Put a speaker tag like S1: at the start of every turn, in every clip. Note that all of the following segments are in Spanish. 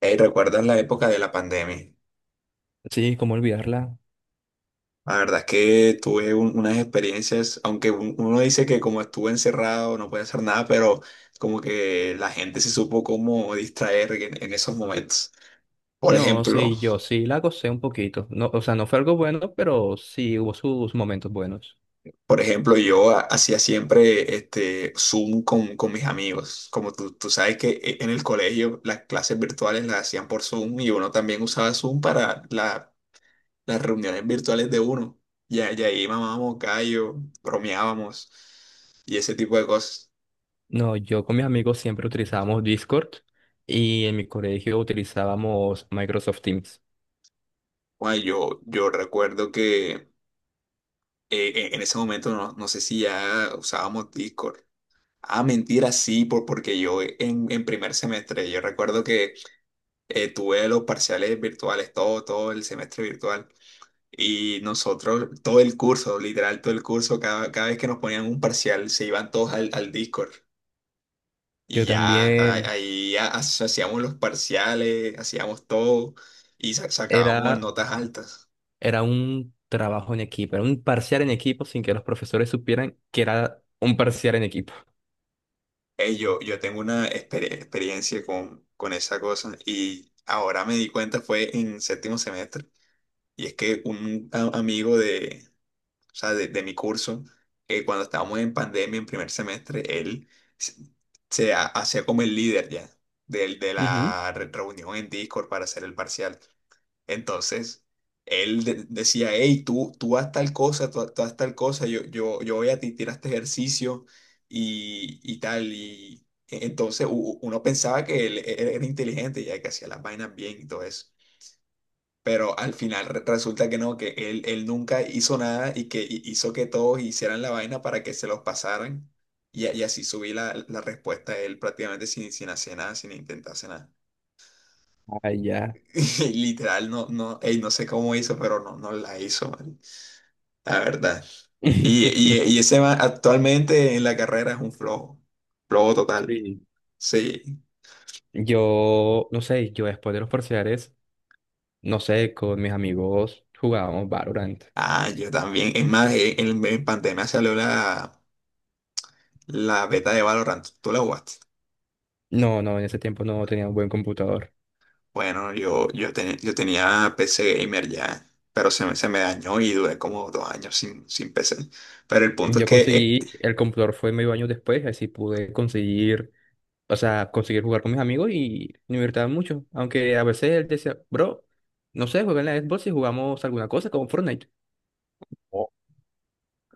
S1: Hey, ¿recuerdas la época de la pandemia?
S2: Sí, cómo olvidarla.
S1: La verdad es que tuve unas experiencias, aunque uno dice que como estuve encerrado no puede hacer nada, pero como que la gente se supo cómo distraer en esos momentos. Por
S2: No,
S1: ejemplo,
S2: sí, yo sí la gocé un poquito. No, o sea, no fue algo bueno, pero sí hubo sus momentos buenos.
S1: por ejemplo, yo hacía siempre este Zoom con mis amigos. Como tú sabes que en el colegio las clases virtuales las hacían por Zoom y uno también usaba Zoom para las reuniones virtuales de uno. Ya ahí mamábamos callo, bromeábamos y ese tipo de cosas.
S2: No, yo con mis amigos siempre utilizábamos Discord y en mi colegio utilizábamos Microsoft Teams.
S1: Bueno, yo recuerdo que en ese momento no sé si ya usábamos Discord. Ah, mentira, sí, porque yo en primer semestre, yo recuerdo que tuve los parciales virtuales, todo el semestre virtual. Y nosotros, todo el curso, literal, todo el curso, cada vez que nos ponían un parcial, se iban todos al Discord. Y
S2: Yo
S1: ya
S2: también
S1: ahí hacíamos los parciales, hacíamos todo y sacábamos
S2: era,
S1: notas altas.
S2: era un trabajo en equipo, era un parcial en equipo sin que los profesores supieran que era un parcial en equipo.
S1: Yo tengo una experiencia con esa cosa y ahora me di cuenta fue en séptimo semestre. Y es que un amigo de, o sea, de mi curso, cuando estábamos en pandemia en primer semestre, él se, se hacía como el líder ya
S2: Ujú.
S1: la reunión en Discord para hacer el parcial. Entonces, él decía, hey, tú haz tal cosa, tú haz tal cosa, yo voy a ti, tira este ejercicio y tal. Y entonces uno pensaba que él era inteligente, ya que hacía las vainas bien y todo eso. Pero al final resulta que no, que él nunca hizo nada y que hizo que todos hicieran la vaina para que se los pasaran. Y, y así subí la respuesta de él prácticamente sin hacer nada, sin intentar hacer nada.
S2: Ah, ya.
S1: Literal, no, ey, no sé cómo hizo, pero no la hizo, man, la verdad. Y ese man actualmente en la carrera es un flojo, flojo total.
S2: Sí.
S1: Sí.
S2: Yo, no sé, yo después de los parciales, no sé, con mis amigos jugábamos Valorant.
S1: Ah, yo también. Es más, en pandemia salió la beta de Valorant. ¿Tú la jugaste?
S2: No, no, en ese tiempo no tenía un buen computador.
S1: Bueno, yo tenía PC gamer ya, pero se me dañó y duré como 2 años sin PC. Pero el punto es
S2: Yo
S1: que
S2: conseguí, el computador fue medio año después, así pude conseguir, o sea, conseguir jugar con mis amigos y me divertía mucho. Aunque a veces él decía, bro, no sé, juega en la Xbox y jugamos alguna cosa como Fortnite.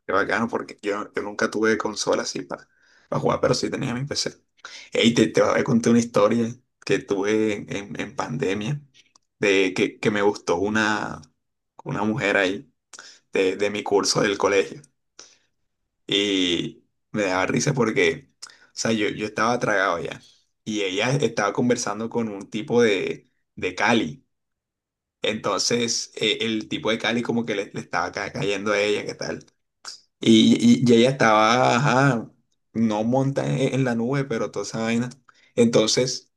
S1: qué bacano, porque yo nunca tuve consola así para jugar, pero sí tenía mi PC. Ey, te voy a contar una historia que tuve en pandemia, de que me gustó una mujer ahí de mi curso del colegio. Y me daba risa porque, o sea, yo estaba tragado ya. Y ella estaba conversando con un tipo de Cali. Entonces, el tipo de Cali como que le estaba cayendo a ella, ¿qué tal? Y, y ella estaba, ajá, no monta en la nube, pero toda esa vaina. Entonces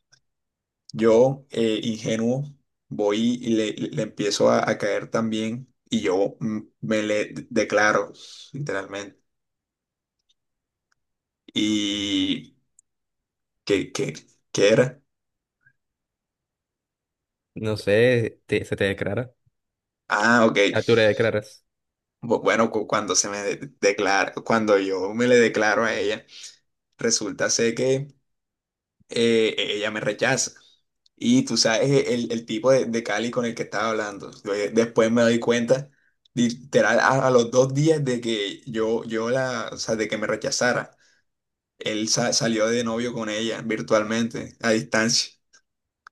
S1: yo, ingenuo, voy y le empiezo a caer también y yo me le declaro, literalmente. ¿Y qué, qué, qué era?
S2: No sé, se te declara.
S1: Ah, ok.
S2: Ah, tú le declaras.
S1: Bueno, cuando se me declara, cuando yo me le declaro a ella, resulta ser que... ella me rechaza. Y tú sabes e, el tipo de Cali con el que estaba hablando. Después me doy cuenta, literal, a los 2 días de que yo la, o sea, de que me rechazara, él salió de novio con ella virtualmente, a distancia.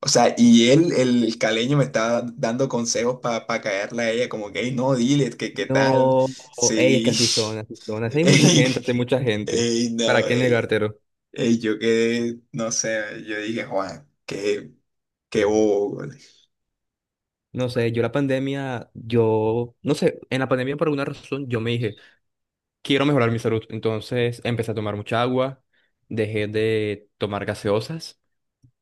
S1: O sea, y él, el caleño, me estaba dando consejos para caerle a ella, como que, "Ey, no, dile, que qué tal.
S2: No, ey, es que
S1: Sí.
S2: así son, así son. Así hay mucha
S1: Ey,
S2: gente, así hay mucha gente.
S1: ey, no,
S2: ¿Para qué
S1: ey,
S2: negártelo?
S1: y yo quedé, no sé, yo dije, Juan, qué, qué bobo. Güey".
S2: No sé, yo la pandemia, yo, no sé, en la pandemia por alguna razón yo me dije, quiero mejorar mi salud. Entonces empecé a tomar mucha agua, dejé de tomar gaseosas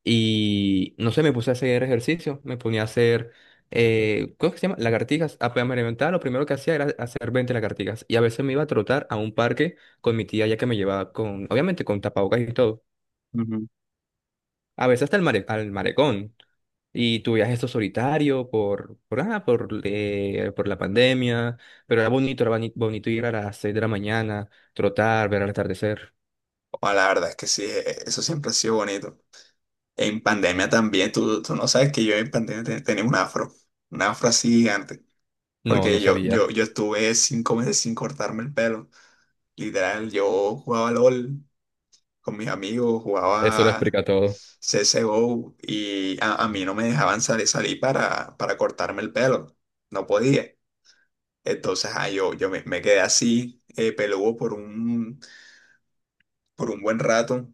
S2: y, no sé, me puse a hacer ejercicio, me ponía a hacer, ¿cómo es que se llama? Lagartijas. Apenas me levantaba, lo primero que hacía era hacer 20 lagartijas. Y a veces me iba a trotar a un parque con mi tía ya que me llevaba con, obviamente con tapabocas y todo.
S1: Ujú.
S2: A veces hasta el al marecón. Y tu viaje esto solitario por la pandemia, pero era bonito, bonito ir a las 6 de la mañana, trotar, ver el atardecer.
S1: Bueno, la verdad es que sí, eso siempre ha sido bonito. En pandemia también, tú no sabes que yo en pandemia tenía un afro así gigante,
S2: No,
S1: porque
S2: no sabía.
S1: yo estuve 5 meses sin cortarme el pelo. Literal, yo jugaba LOL con mis amigos,
S2: Eso lo
S1: jugaba
S2: explica todo.
S1: CSGO y a mí no me dejaban salir para cortarme el pelo. No podía. Entonces, ah, me quedé así, peludo por un buen rato.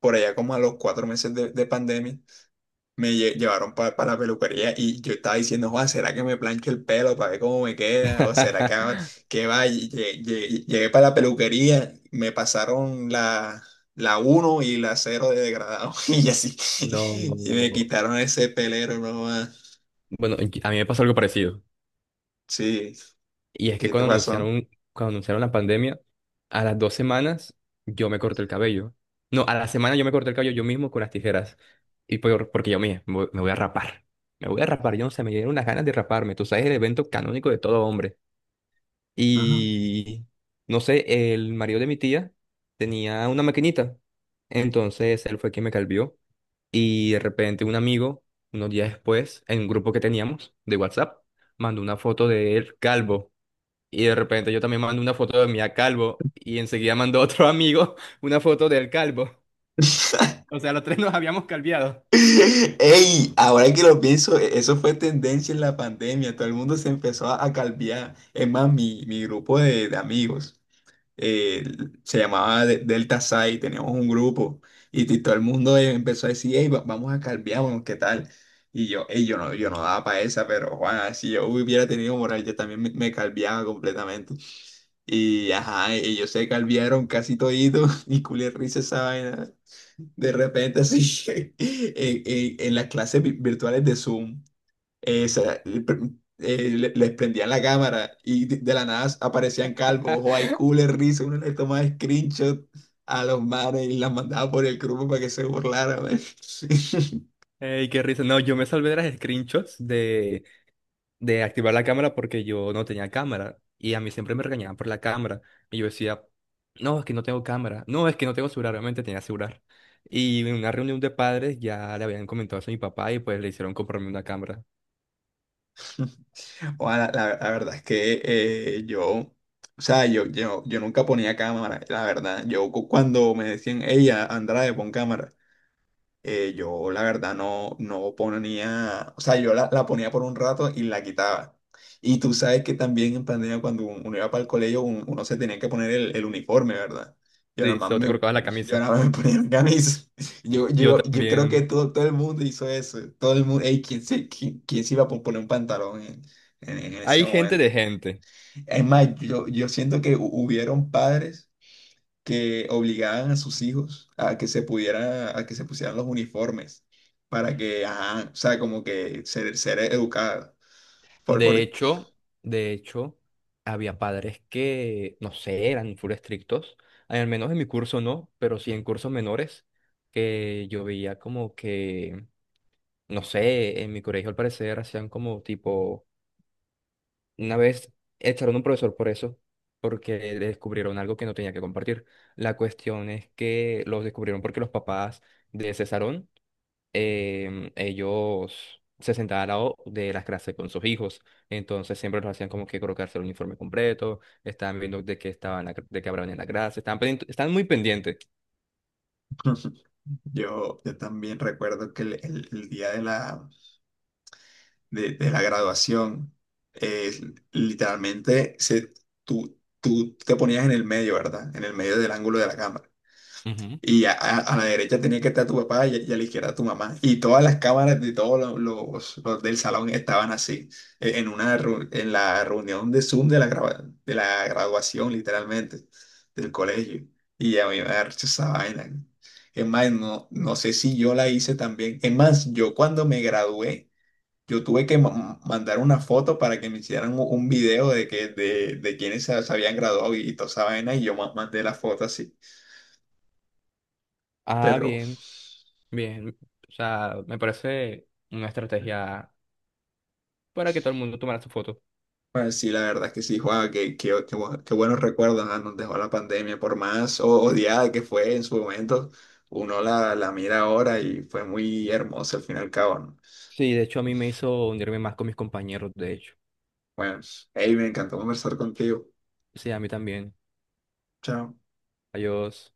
S1: Por allá como a los 4 meses de pandemia, me llevaron para la peluquería y yo estaba diciendo, "Joa, ¿será que me plancho el pelo para ver cómo me queda? ¿O será que, haga- que va? Y llegué para la peluquería, me pasaron la uno y la cero de degradado y así. Y me
S2: No.
S1: quitaron ese pelero nomás.
S2: Bueno, y- a mí me pasó algo parecido.
S1: Sí,
S2: Y es que
S1: ¿qué te
S2: cuando
S1: pasó?
S2: anunciaron, cuando anunciaron la pandemia, a las 2 semanas yo me corté el cabello. No, a la semana yo me corté el cabello yo mismo con las tijeras. Y porque yo me voy a rapar. Me voy a rapar, yo no sé, me dieron unas ganas de raparme. Tú sabes, el evento canónico de todo hombre.
S1: Ajá.
S2: Y no sé, el marido de mi tía tenía una maquinita. Entonces él fue quien me calvió. Y de repente un amigo, unos días después, en un grupo que teníamos de WhatsApp, mandó una foto de él calvo. Y de repente yo también mando una foto de mí a calvo. Y enseguida mandó otro amigo una foto del calvo. O sea, los tres nos habíamos calviado.
S1: Ey, ahora que lo pienso, e-, eso fue tendencia en la pandemia. Todo el mundo se empezó a calviar. Es más, mi grupo de amigos eh, se llamaba Delta Psi. Teníamos un grupo y todo el mundo empezó a decir, hey, vamos a calviarnos, ¿qué tal? Y yo, "Ey, yo no, yo no daba para esa, pero Juan, si yo hubiera tenido moral, yo también me calviaba completamente. Y ajá, ellos se calviaron casi toditos y culé risa esa vaina. De repente, sí en las clases virtuales de Zoom, sa- pr- les prendían la cámara y de la nada aparecían calvos, o hay cooler, risa, uno le tomaba screenshot a los manes y las mandaba por el grupo para que se burlaran. Man.
S2: Ey, qué risa. No, yo me salvé de las screenshots de activar la cámara porque yo no tenía cámara y a mí siempre me regañaban por la cámara y yo decía, no, es que no tengo cámara, no, es que no tengo celular, obviamente tenía celular. Y en una reunión de padres ya le habían comentado eso a mi papá y pues le hicieron comprarme una cámara.
S1: O la verdad es que yo, o sea, yo nunca ponía cámara, la verdad. Yo cuando me decían, ella, Andrade, pon cámara. Eh, yo la verdad no ponía, o sea, yo la ponía por un rato y la quitaba. Y tú sabes que también en pandemia cuando uno iba para el colegio uno se tenía que poner el uniforme, ¿verdad? Yo nada
S2: Sí,
S1: más
S2: solo te
S1: me,
S2: colocabas la
S1: yo
S2: camisa.
S1: nada más me ponía la camisa.
S2: Yo
S1: Yo creo que
S2: también.
S1: todo el mundo hizo eso. Todo el mundo, ey, ¿quién se, quién se iba a poner un pantalón en ese
S2: Hay
S1: momento?
S2: gente.
S1: Es más, yo siento que hubieron padres que obligaban a sus hijos a que se pudiera, a que se pusieran los uniformes para que, ajá, o sea, como que ser educada.
S2: De
S1: Por-
S2: hecho, de hecho, había padres que, no sé, eran full estrictos. Al menos en mi curso no, pero sí en cursos menores que yo veía como que no sé, en mi colegio al parecer hacían como tipo, una vez echaron a un profesor por eso, porque le descubrieron algo que no tenía que compartir. La cuestión es que los descubrieron porque los papás de ese salón, ellos se sentaban al lado de las clases con sus hijos, entonces siempre los hacían como que colocarse el uniforme completo, estaban viendo de qué estaban, la de qué hablaban en la clase, estaban, estaban muy pendientes.
S1: yo también recuerdo que el día de de la graduación, eh, literalmente se, tú te ponías en el medio, ¿verdad? En el medio del ángulo de la cámara.
S2: Ujú.
S1: Y a la derecha tenía que estar tu papá y a la izquierda tu mamá. Y todas las cámaras de todos los del salón estaban así, en una en la reunión de Zoom de la, grava- de la graduación, literalmente, del colegio. Y a mí me da risa esa vaina. Es más, no sé si yo la hice también. Es más, yo cuando me gradué, yo tuve que mandar una foto para que me hicieran un video de, de quienes se habían graduado y toda esa vaina, y yo mandé la foto así.
S2: Ah,
S1: Pero.
S2: bien, bien. O sea, me parece una estrategia para que todo el mundo tomara su foto.
S1: Pues sí, la verdad es que sí, Juan, qué buenos recuerdos ah, nos dejó la pandemia, por más odiada que fue en su momento, uno la mira ahora y fue muy hermosa al fin y al cabo, ¿no?
S2: Sí, de hecho a mí me hizo unirme más con mis compañeros, de hecho.
S1: Bueno, hey, me encantó conversar contigo.
S2: Sí, a mí también.
S1: Chao.
S2: Adiós.